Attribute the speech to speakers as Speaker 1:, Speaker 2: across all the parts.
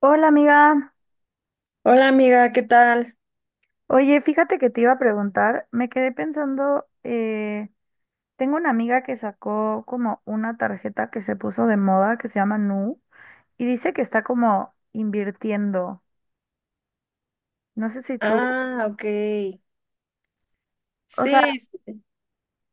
Speaker 1: Hola amiga,
Speaker 2: Hola amiga, ¿qué tal?
Speaker 1: oye, fíjate que te iba a preguntar, me quedé pensando, tengo una amiga que sacó como una tarjeta que se puso de moda que se llama Nu y dice que está como invirtiendo. No sé si tú,
Speaker 2: Ah, ok.
Speaker 1: o sea,
Speaker 2: Sí, sí,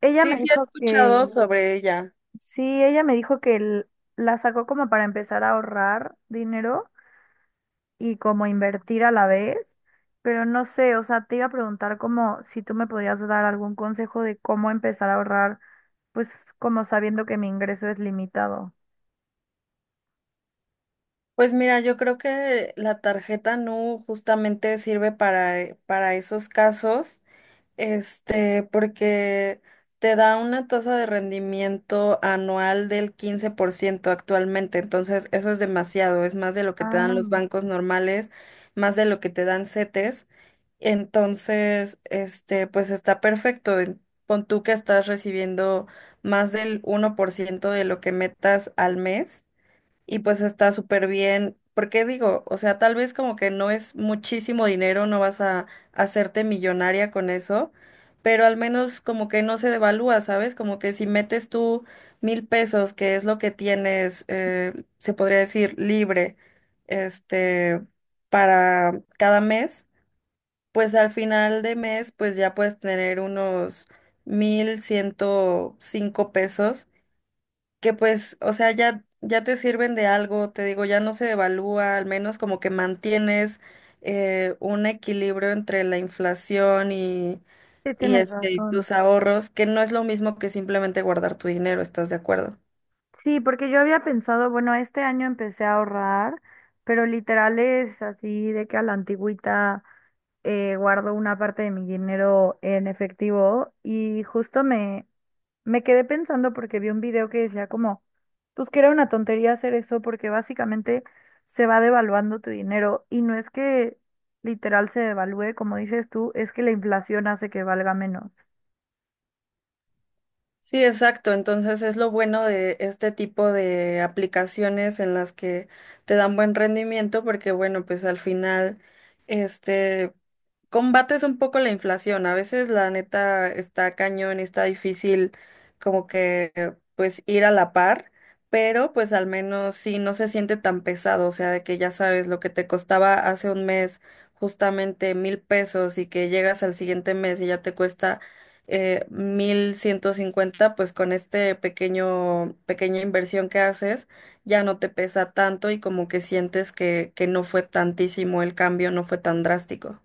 Speaker 1: ella
Speaker 2: sí
Speaker 1: me
Speaker 2: he
Speaker 1: dijo
Speaker 2: escuchado
Speaker 1: que,
Speaker 2: sobre ella.
Speaker 1: sí, ella me dijo que la sacó como para empezar a ahorrar dinero y como invertir a la vez, pero no sé, o sea, te iba a preguntar como si tú me podías dar algún consejo de cómo empezar a ahorrar, pues como sabiendo que mi ingreso es limitado.
Speaker 2: Pues mira, yo creo que la tarjeta NU justamente sirve para esos casos, este, porque te da una tasa de rendimiento anual del 15% actualmente. Entonces eso es demasiado, es más de lo que te dan los
Speaker 1: Ah,
Speaker 2: bancos normales, más de lo que te dan CETES. Entonces, este, pues está perfecto. Pon tú que estás recibiendo más del uno por ciento de lo que metas al mes y pues está súper bien. Porque digo, o sea, tal vez como que no es muchísimo dinero, no vas a hacerte millonaria con eso, pero al menos como que no se devalúa, ¿sabes? Como que si metes tú mil pesos, que es lo que tienes, se podría decir libre, este, para cada mes, pues al final de mes, pues ya puedes tener unos 1.105 pesos, que pues, o sea, ya te sirven de algo. Te digo, ya no se devalúa, al menos como que mantienes un equilibrio entre la inflación y,
Speaker 1: sí,
Speaker 2: y
Speaker 1: tienes
Speaker 2: este, y
Speaker 1: razón.
Speaker 2: tus ahorros, que no es lo mismo que simplemente guardar tu dinero, ¿estás de acuerdo?
Speaker 1: Sí, porque yo había pensado, bueno, este año empecé a ahorrar, pero literal es así de que a la antigüita guardo una parte de mi dinero en efectivo y justo me quedé pensando porque vi un video que decía como, pues que era una tontería hacer eso porque básicamente se va devaluando tu dinero y no es que literal se devalúe, como dices tú, es que la inflación hace que valga menos.
Speaker 2: Sí, exacto. Entonces es lo bueno de este tipo de aplicaciones en las que te dan buen rendimiento porque, bueno, pues al final, este, combates un poco la inflación. A veces la neta está cañón y está difícil como que, pues, ir a la par, pero pues al menos sí no se siente tan pesado. O sea, de que ya sabes lo que te costaba hace un mes justamente mil pesos, y que llegas al siguiente mes y ya te cuesta mil ciento cincuenta, pues con este pequeña inversión que haces, ya no te pesa tanto, y como que sientes que no fue tantísimo el cambio, no fue tan drástico.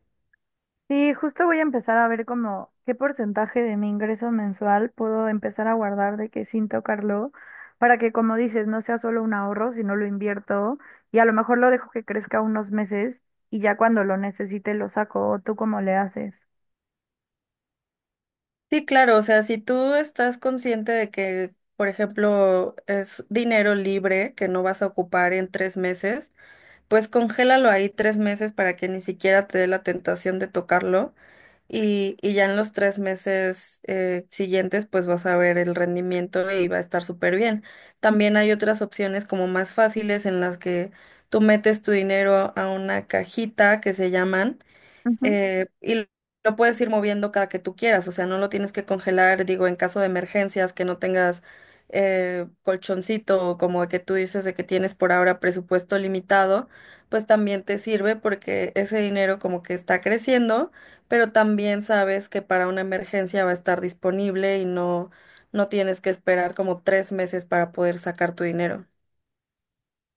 Speaker 1: Sí, justo voy a empezar a ver como qué porcentaje de mi ingreso mensual puedo empezar a guardar de que sin tocarlo, para que como dices, no sea solo un ahorro, sino lo invierto y a lo mejor lo dejo que crezca unos meses y ya cuando lo necesite lo saco. ¿O tú cómo le haces?
Speaker 2: Sí, claro, o sea, si tú estás consciente de que, por ejemplo, es dinero libre que no vas a ocupar en tres meses, pues congélalo ahí tres meses para que ni siquiera te dé la tentación de tocarlo. Y ya en los tres meses siguientes, pues vas a ver el rendimiento y va a estar súper bien. También hay otras opciones como más fáciles en las que tú metes tu dinero a una cajita que se llaman
Speaker 1: Ujú.
Speaker 2: y lo puedes ir moviendo cada que tú quieras, o sea, no lo tienes que congelar, digo, en caso de emergencias, que no tengas colchoncito o como que tú dices de que tienes por ahora presupuesto limitado, pues también te sirve porque ese dinero como que está creciendo, pero también sabes que para una emergencia va a estar disponible no tienes que esperar como tres meses para poder sacar tu dinero.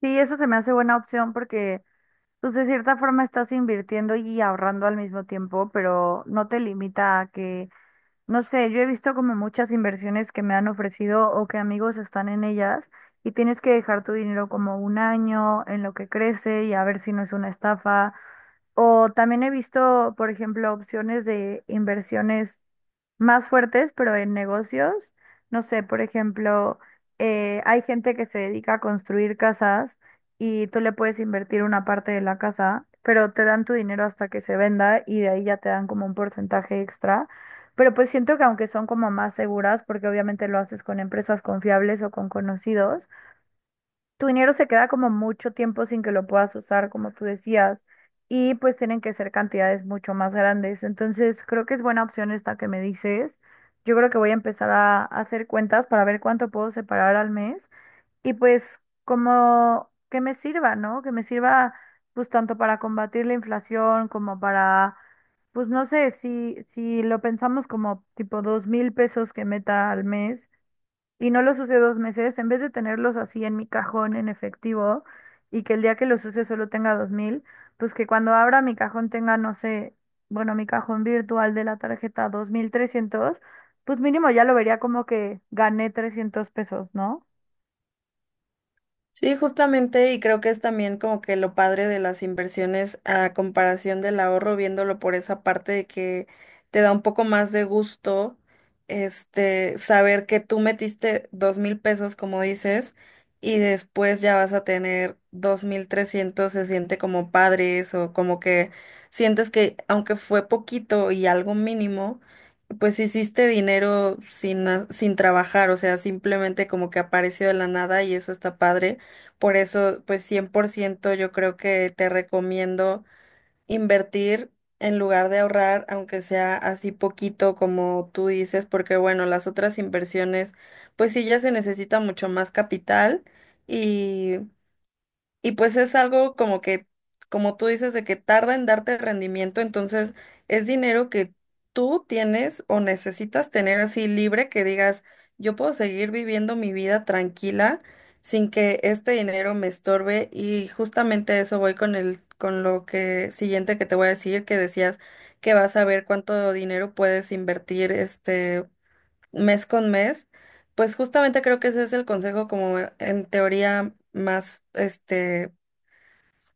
Speaker 1: Sí, eso se me hace buena opción porque, pues, de cierta forma estás invirtiendo y ahorrando al mismo tiempo, pero no te limita a que no sé, yo he visto como muchas inversiones que me han ofrecido o que amigos están en ellas y tienes que dejar tu dinero como un año en lo que crece y a ver si no es una estafa. O también he visto, por ejemplo, opciones de inversiones más fuertes, pero en negocios. No sé, por ejemplo, hay gente que se dedica a construir casas y tú le puedes invertir una parte de la casa, pero te dan tu dinero hasta que se venda y de ahí ya te dan como un porcentaje extra. Pero pues siento que aunque son como más seguras, porque obviamente lo haces con empresas confiables o con conocidos, tu dinero se queda como mucho tiempo sin que lo puedas usar, como tú decías, y pues tienen que ser cantidades mucho más grandes. Entonces, creo que es buena opción esta que me dices. Yo creo que voy a empezar a hacer cuentas para ver cuánto puedo separar al mes y pues como que me sirva, ¿no? Que me sirva pues tanto para combatir la inflación como para, pues no sé, si lo pensamos como tipo 2,000 pesos que meta al mes y no los use 2 meses, en vez de tenerlos así en mi cajón en efectivo y que el día que los use solo tenga 2,000, pues que cuando abra mi cajón tenga, no sé, bueno, mi cajón virtual de la tarjeta 2,300, pues mínimo ya lo vería como que gané 300 pesos, ¿no?
Speaker 2: Sí, justamente, y creo que es también como que lo padre de las inversiones a comparación del ahorro, viéndolo por esa parte de que te da un poco más de gusto, este, saber que tú metiste dos mil pesos, como dices, y después ya vas a tener dos mil trescientos, se siente como padres o como que sientes que aunque fue poquito y algo mínimo, pues hiciste dinero sin trabajar, o sea, simplemente como que apareció de la nada y eso está padre. Por eso, pues 100% yo creo que te recomiendo invertir en lugar de ahorrar, aunque sea así poquito como tú dices, porque bueno, las otras inversiones, pues sí ya se necesita mucho más capital, y pues es algo como como tú dices, de que tarda en darte rendimiento. Entonces es dinero que tú tienes o necesitas tener así libre, que digas, yo puedo seguir viviendo mi vida tranquila sin que este dinero me estorbe. Y justamente eso voy con con lo que siguiente que te voy a decir, que decías que vas a ver cuánto dinero puedes invertir este mes con mes. Pues justamente creo que ese es el consejo como en teoría más este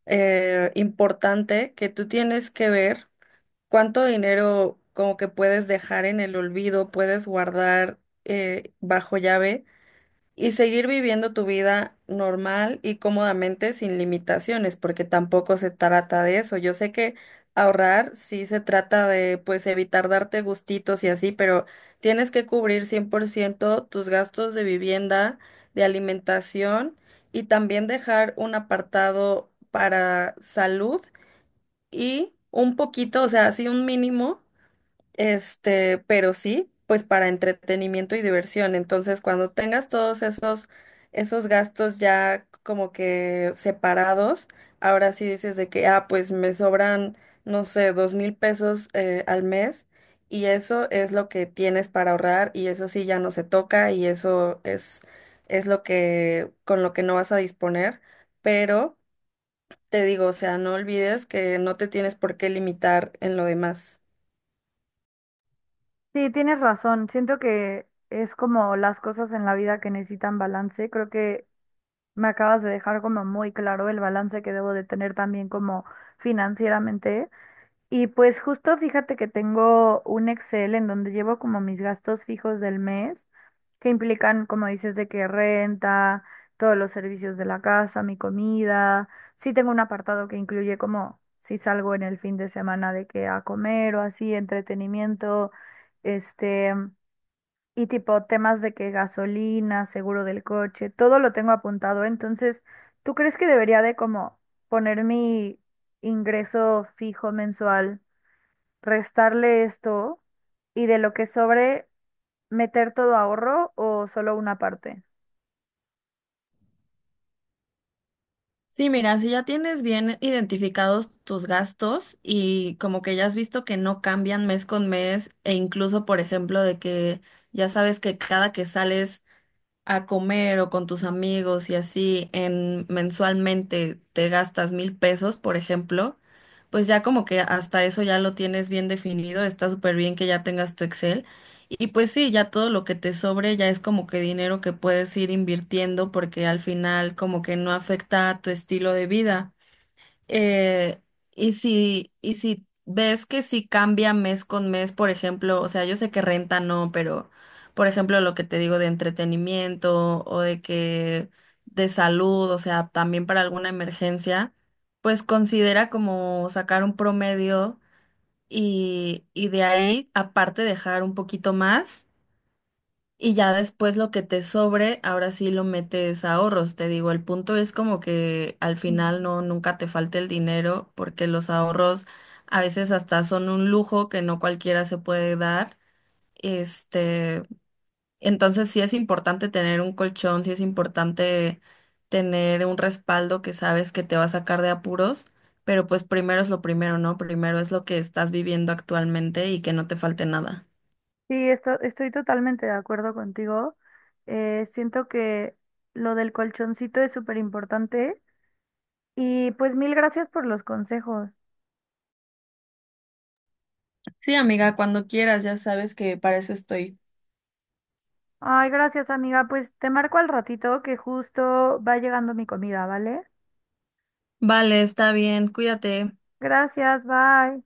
Speaker 2: importante, que tú tienes que ver cuánto dinero como que puedes dejar en el olvido, puedes guardar bajo llave y seguir viviendo tu vida normal y cómodamente sin limitaciones, porque tampoco se trata de eso. Yo sé que ahorrar sí se trata de, pues, evitar darte gustitos y así, pero tienes que cubrir 100% tus gastos de vivienda, de alimentación, y también dejar un apartado para salud y un poquito, o sea, así un mínimo, este, pero sí, pues para entretenimiento y diversión. Entonces, cuando tengas todos esos gastos ya como que separados, ahora sí dices de que, ah, pues me sobran, no sé, dos mil pesos al mes, y eso es lo que tienes para ahorrar y eso sí ya no se toca, y eso es lo con lo que no vas a disponer. Pero te digo, o sea, no olvides que no te tienes por qué limitar en lo demás.
Speaker 1: Sí, tienes razón. Siento que es como las cosas en la vida que necesitan balance. Creo que me acabas de dejar como muy claro el balance que debo de tener también como financieramente. Y pues justo fíjate que tengo un Excel en donde llevo como mis gastos fijos del mes, que implican, como dices, de que renta, todos los servicios de la casa, mi comida. Sí tengo un apartado que incluye como si salgo en el fin de semana de que a comer o así, entretenimiento, este, y tipo temas de que gasolina, seguro del coche, todo lo tengo apuntado. Entonces, ¿tú crees que debería de como poner mi ingreso fijo mensual, restarle esto y de lo que sobre meter todo ahorro o solo una parte?
Speaker 2: Sí, mira, si ya tienes bien identificados tus gastos y como que ya has visto que no cambian mes con mes, e incluso, por ejemplo, de que ya sabes que cada que sales a comer o con tus amigos y así en mensualmente te gastas mil pesos, por ejemplo, pues ya como que hasta eso ya lo tienes bien definido, está súper bien que ya tengas tu Excel. Y pues sí, ya todo lo que te sobre ya es como que dinero que puedes ir invirtiendo porque al final como que no afecta a tu estilo de vida. Eh, y si ves que si cambia mes con mes, por ejemplo, o sea, yo sé que renta no, pero por ejemplo, lo que te digo de entretenimiento o de que de salud, o sea, también para alguna emergencia, pues considera como sacar un promedio y de ahí, aparte, dejar un poquito más, y ya después lo que te sobre, ahora sí lo metes a ahorros. Te digo, el punto es como que al final
Speaker 1: Mm.
Speaker 2: nunca te falte el dinero, porque los ahorros a veces hasta son un lujo que no cualquiera se puede dar. Este, entonces sí es importante tener un colchón, sí es importante tener un respaldo que sabes que te va a sacar de apuros, pero pues primero es lo primero, ¿no? Primero es lo que estás viviendo actualmente y que no te falte nada.
Speaker 1: Sí, estoy totalmente de acuerdo contigo. Siento que lo del colchoncito es súper importante. Y pues mil gracias por los consejos.
Speaker 2: Sí, amiga, cuando quieras, ya sabes que para eso estoy.
Speaker 1: Ay, gracias amiga. Pues te marco al ratito que justo va llegando mi comida, ¿vale?
Speaker 2: Vale, está bien, cuídate.
Speaker 1: Gracias, bye.